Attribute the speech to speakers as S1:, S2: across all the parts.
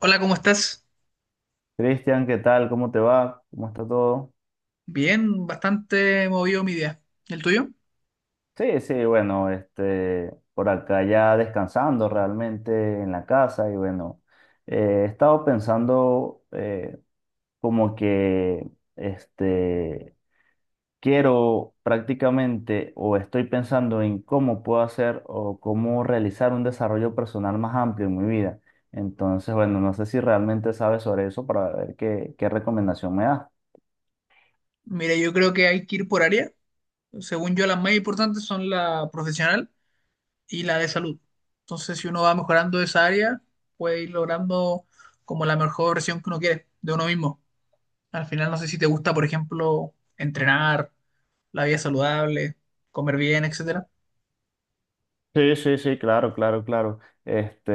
S1: Hola, ¿cómo estás?
S2: Cristian, ¿qué tal? ¿Cómo te va? ¿Cómo está todo?
S1: Bien, bastante movido mi día. ¿El tuyo?
S2: Sí, sí, bueno, por acá ya descansando realmente en la casa y bueno, he estado pensando, como que este, quiero prácticamente o estoy pensando en cómo puedo hacer o cómo realizar un desarrollo personal más amplio en mi vida. Entonces, bueno, no sé si realmente sabes sobre eso para ver qué recomendación me das.
S1: Mira, yo creo que hay que ir por área. Según yo, las más importantes son la profesional y la de salud. Entonces, si uno va mejorando esa área, puede ir logrando como la mejor versión que uno quiere de uno mismo. Al final, no sé si te gusta, por ejemplo, entrenar, la vida saludable, comer bien, etcétera.
S2: Sí, sí, sí, claro, claro, claro. Este,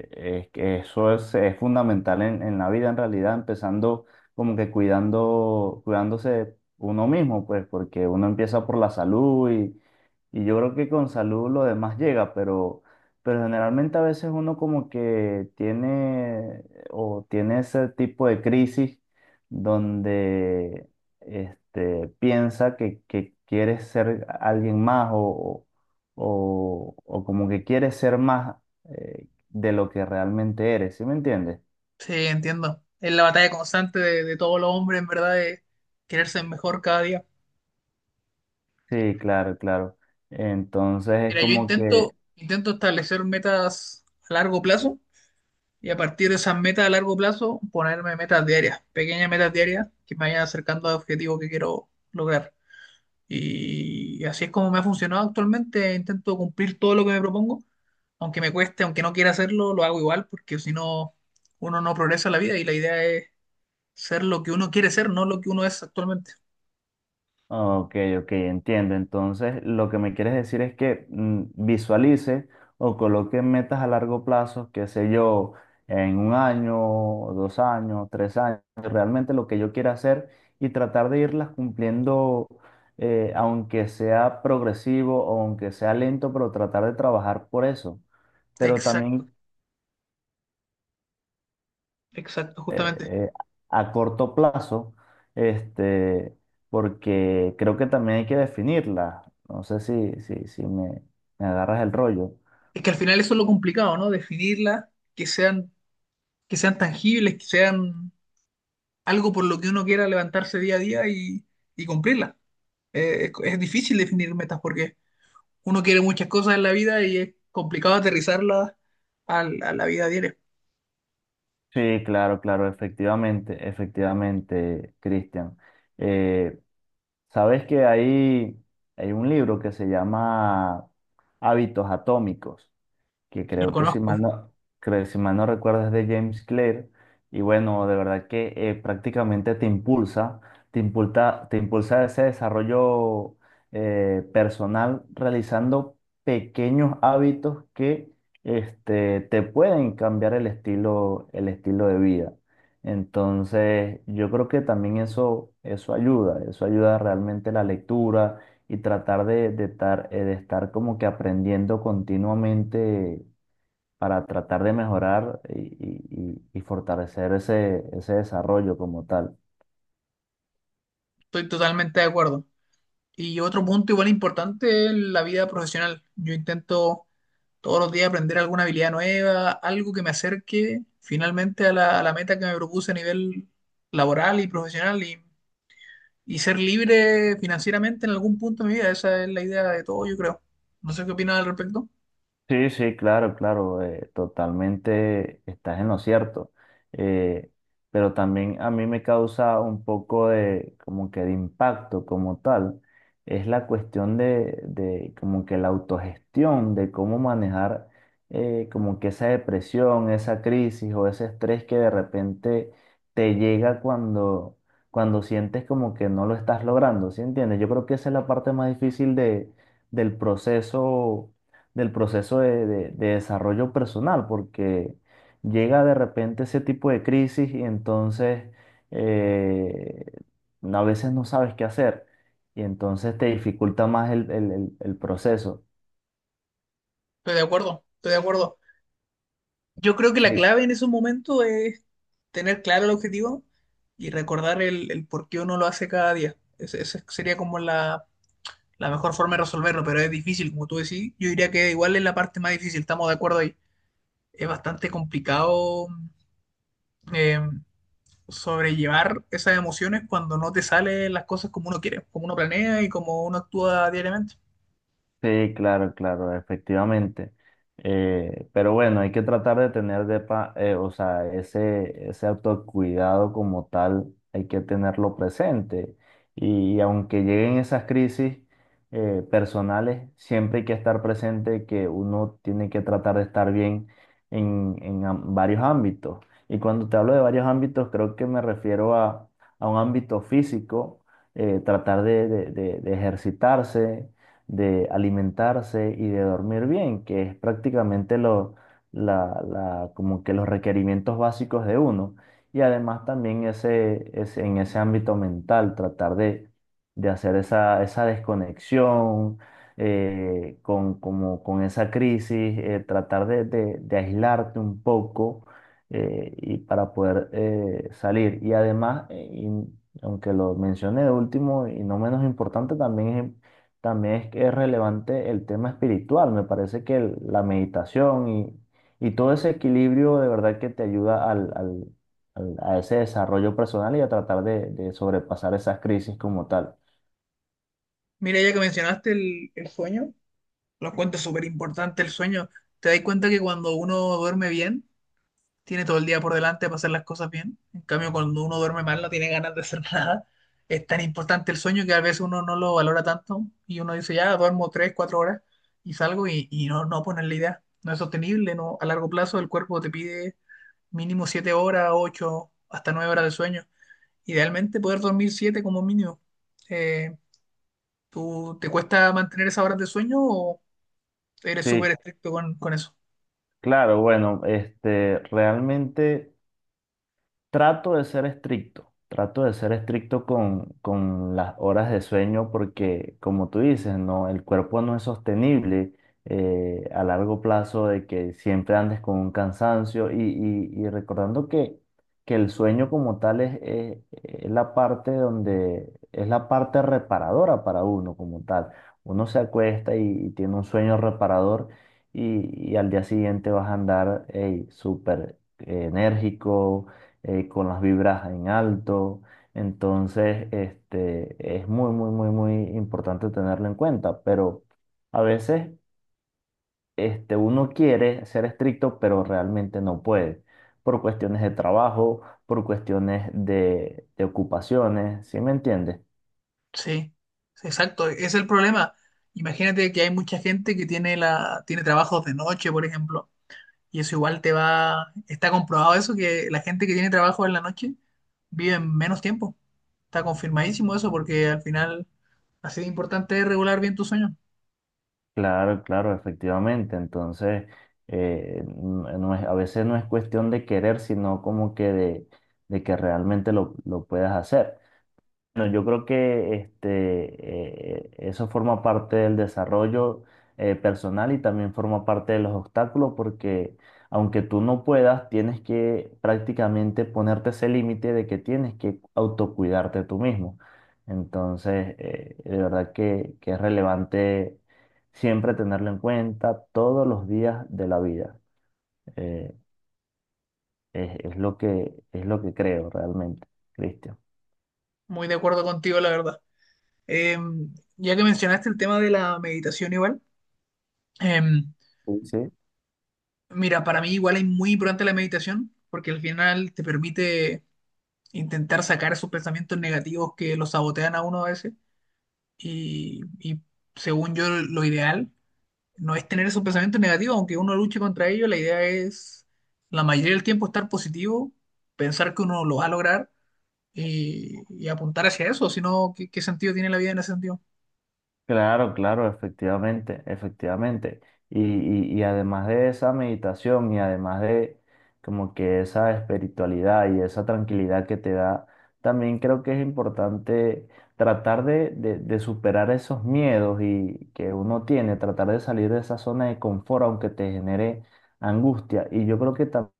S2: eh, es que eso es fundamental en, la vida, en realidad, empezando como que cuidándose uno mismo, pues, porque uno empieza por la salud y, yo creo que con salud lo demás llega, pero, generalmente a veces uno como que tiene o tiene ese tipo de crisis donde piensa que quieres ser alguien más o como que quieres ser más de lo que realmente eres, ¿sí me entiendes?
S1: Sí, entiendo. Es la batalla constante de todos los hombres, en verdad, de quererse mejor cada día.
S2: Sí, claro, claro. Entonces es
S1: Mira, yo
S2: como que.
S1: intento, intento establecer metas a largo plazo y a partir de esas metas a largo plazo ponerme metas diarias, pequeñas metas diarias que me vayan acercando al objetivo que quiero lograr. Y así es como me ha funcionado actualmente. Intento cumplir todo lo que me propongo, aunque me cueste, aunque no quiera hacerlo, lo hago igual, porque si no, uno no progresa en la vida y la idea es ser lo que uno quiere ser, no lo que uno es actualmente.
S2: Ok, ok, entiendo. Entonces, lo que me quieres decir es que visualice o coloque metas a largo plazo, qué sé yo, en un año, 2 años, 3 años, realmente lo que yo quiera hacer y tratar de irlas cumpliendo, aunque sea progresivo o aunque sea lento, pero tratar de trabajar por eso. Pero
S1: Exacto,
S2: también
S1: exacto,
S2: eh,
S1: justamente.
S2: eh, a corto plazo, este, porque creo que también hay que definirla. No sé si me agarras el rollo.
S1: Es que al final eso es lo complicado, ¿no? Definirla, que sean que sean tangibles, que sean algo por lo que uno quiera levantarse día a día y cumplirla. Es difícil definir metas porque uno quiere muchas cosas en la vida y es complicado aterrizarlas a la vida diaria.
S2: Sí, claro, claro, efectivamente, efectivamente, Cristian. Eh, sabes que hay un libro que se llama Hábitos Atómicos que
S1: Lo
S2: creo que si mal
S1: conozco,
S2: no, creo, si mal no recuerdas, de James Clear, y bueno, de verdad que prácticamente te impulsa ese desarrollo personal realizando pequeños hábitos que te pueden cambiar el estilo de vida. Entonces, yo creo que también eso ayuda realmente la lectura y tratar de estar como que aprendiendo continuamente para tratar de mejorar y fortalecer ese desarrollo como tal.
S1: estoy totalmente de acuerdo. Y otro punto igual importante es la vida profesional. Yo intento todos los días aprender alguna habilidad nueva, algo que me acerque finalmente a la meta que me propuse a nivel laboral y profesional y ser libre financieramente en algún punto de mi vida. Esa es la idea de todo, yo creo. No sé qué opinas al respecto.
S2: Sí, sí, claro, claro, totalmente estás en lo cierto. eh, pero también a mí me causa un poco de como que de impacto como tal. Es la cuestión de como que la autogestión, de cómo manejar como que esa depresión, esa crisis o ese estrés que de repente te llega cuando sientes como que no lo estás logrando, ¿sí entiendes? Yo creo que esa es la parte más difícil de, del proceso del proceso de desarrollo personal, porque llega de repente ese tipo de crisis y entonces eh, a veces no sabes qué hacer y entonces te dificulta más el proceso.
S1: Estoy de acuerdo, estoy de acuerdo. Yo creo que la clave en esos momentos es tener claro el objetivo y recordar el por qué uno lo hace cada día. Esa sería como la mejor forma de resolverlo, pero es difícil, como tú decís. Yo diría que igual es la parte más difícil, estamos de acuerdo ahí. Es bastante complicado eh, sobrellevar esas emociones cuando no te salen las cosas como uno quiere, como uno planea y como uno actúa diariamente.
S2: Sí, claro, claro, efectivamente. Pero bueno, hay que tratar de tener o sea, ese autocuidado como tal, hay que tenerlo presente. Y, aunque lleguen esas crisis personales, siempre hay que estar presente que uno tiene que tratar de estar bien en, varios ámbitos. Y cuando te hablo de varios ámbitos, creo que me refiero a un ámbito físico, tratar de ejercitarse, de alimentarse y de dormir bien, que es prácticamente como que los requerimientos básicos de uno. Y además también en ese ámbito mental, tratar de hacer esa desconexión con esa crisis, tratar de aislarte un poco y para poder salir. Y además, y aunque lo mencioné de último y no menos importante, también es que es relevante el tema espiritual. Me parece que la meditación y todo ese equilibrio de verdad que te ayuda a ese desarrollo personal y a tratar de sobrepasar esas crisis como tal.
S1: Mira, ya que mencionaste el sueño, lo encuentro súper importante el sueño. Te das cuenta que cuando uno duerme bien, tiene todo el día por delante para hacer las cosas bien. En cambio, cuando uno duerme mal, no tiene ganas de hacer nada. Es tan importante el sueño que a veces uno no lo valora tanto y uno dice, ya, duermo 3, 4 horas y salgo y no, no pones la idea. No es sostenible, no, a largo plazo el cuerpo te pide mínimo 7 horas, 8 hasta 9 horas de sueño. Idealmente poder dormir 7 como mínimo. Eh, ¿Tú te cuesta mantener esas horas de sueño o eres
S2: Sí,
S1: súper estricto con eso?
S2: claro, bueno, realmente. Trato de ser estricto, trato de ser estricto con las horas de sueño porque, como tú dices, no, el cuerpo no es sostenible a largo plazo de que siempre andes con un cansancio y recordando que el sueño como tal es la parte reparadora para uno como tal. Uno se acuesta y tiene un sueño reparador y al día siguiente vas a andar, ey, súper enérgico, con las vibras en alto. Entonces, es muy, muy, muy, muy importante tenerlo en cuenta, pero a veces uno quiere ser estricto, pero realmente no puede, por cuestiones de trabajo, por cuestiones de ocupaciones, ¿sí me entiendes?
S1: Sí, sí, exacto, es el problema. Imagínate que hay mucha gente que tiene trabajos de noche, por ejemplo, y eso igual te va, está comprobado eso, que la gente que tiene trabajo en la noche vive menos tiempo. Está confirmadísimo eso porque al final así de importante es regular bien tu sueño.
S2: Claro, claro, efectivamente. Entonces, eh, n- no es, a veces no es cuestión de querer, sino como que de que realmente lo puedas hacer. Bueno, yo creo que eso forma parte del desarrollo personal y también forma parte de los obstáculos porque aunque tú no puedas, tienes que prácticamente ponerte ese límite de que tienes que autocuidarte tú mismo. Entonces, de verdad que es relevante siempre tenerlo en cuenta todos los días de la vida. Eh, es lo que creo realmente, Cristian.
S1: Muy de acuerdo contigo, la verdad. Ya que mencionaste el tema de la meditación igual, em,
S2: Sí.
S1: mira, para mí igual es muy importante la meditación porque al final te permite intentar sacar esos pensamientos negativos que los sabotean a uno a veces y según yo lo ideal no es tener esos pensamientos negativos, aunque uno luche contra ellos, la idea es la mayoría del tiempo estar positivo, pensar que uno lo va a lograr y apuntar hacia eso, si no, ¿qué sentido tiene la vida en ese sentido?
S2: Claro, claro, efectivamente, efectivamente. Y además de esa meditación y además de como que esa espiritualidad y esa tranquilidad que te da, también creo que es importante tratar de superar esos miedos y que uno tiene, tratar de salir de esa zona de confort aunque te genere angustia. Y yo creo que también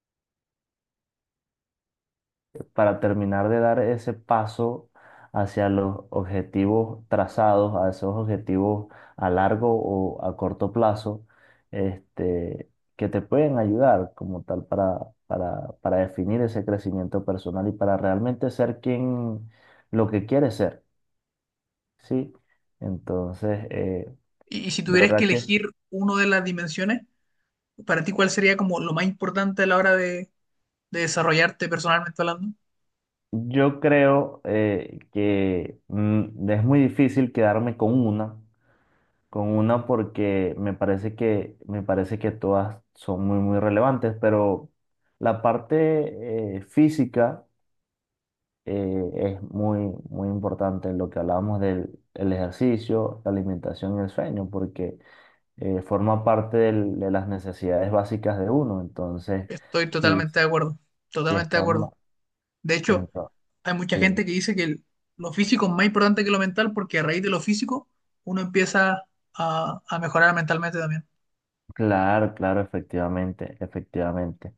S2: para terminar de dar ese paso hacia los objetivos trazados, a esos objetivos a largo o a corto plazo, este, que te pueden ayudar como tal para definir ese crecimiento personal y para realmente ser quien lo que quieres ser, ¿sí? Entonces,
S1: Y si
S2: de
S1: tuvieras que
S2: verdad que
S1: elegir una de las dimensiones, para ti, ¿cuál sería como lo más importante a la hora de desarrollarte personalmente hablando?
S2: yo creo que es muy difícil quedarme con una. Con una porque me parece que todas son muy, muy relevantes, pero la parte física es muy, muy importante en lo que hablábamos del el ejercicio, la alimentación y el sueño, porque forma parte de las necesidades básicas de uno. Entonces,
S1: Estoy
S2: si,
S1: totalmente
S2: si
S1: de acuerdo,
S2: si
S1: totalmente de
S2: están,
S1: acuerdo. De hecho,
S2: entonces,
S1: hay mucha
S2: sí.
S1: gente que dice que lo físico es más importante que lo mental porque a raíz de lo físico uno empieza a mejorar mentalmente también.
S2: Claro, claro, efectivamente, efectivamente,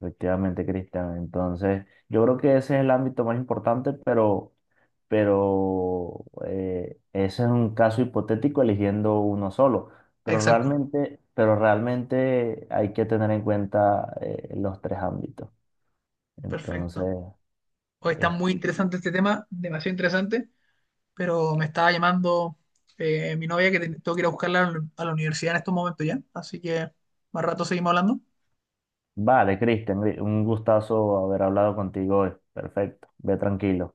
S2: efectivamente, Cristian. Entonces, yo creo que ese es el ámbito más importante, pero ese es un caso hipotético eligiendo uno solo. Pero
S1: Exacto,
S2: realmente, pero realmente hay que tener en cuenta los tres ámbitos. Entonces,
S1: perfecto. Hoy está
S2: eh,
S1: muy interesante este tema, demasiado interesante, pero me estaba llamando mi novia que tengo que ir a buscarla a la universidad en estos momentos ya, así que más rato seguimos hablando.
S2: vale, Cristian, un gustazo haber hablado contigo hoy. Perfecto, ve tranquilo.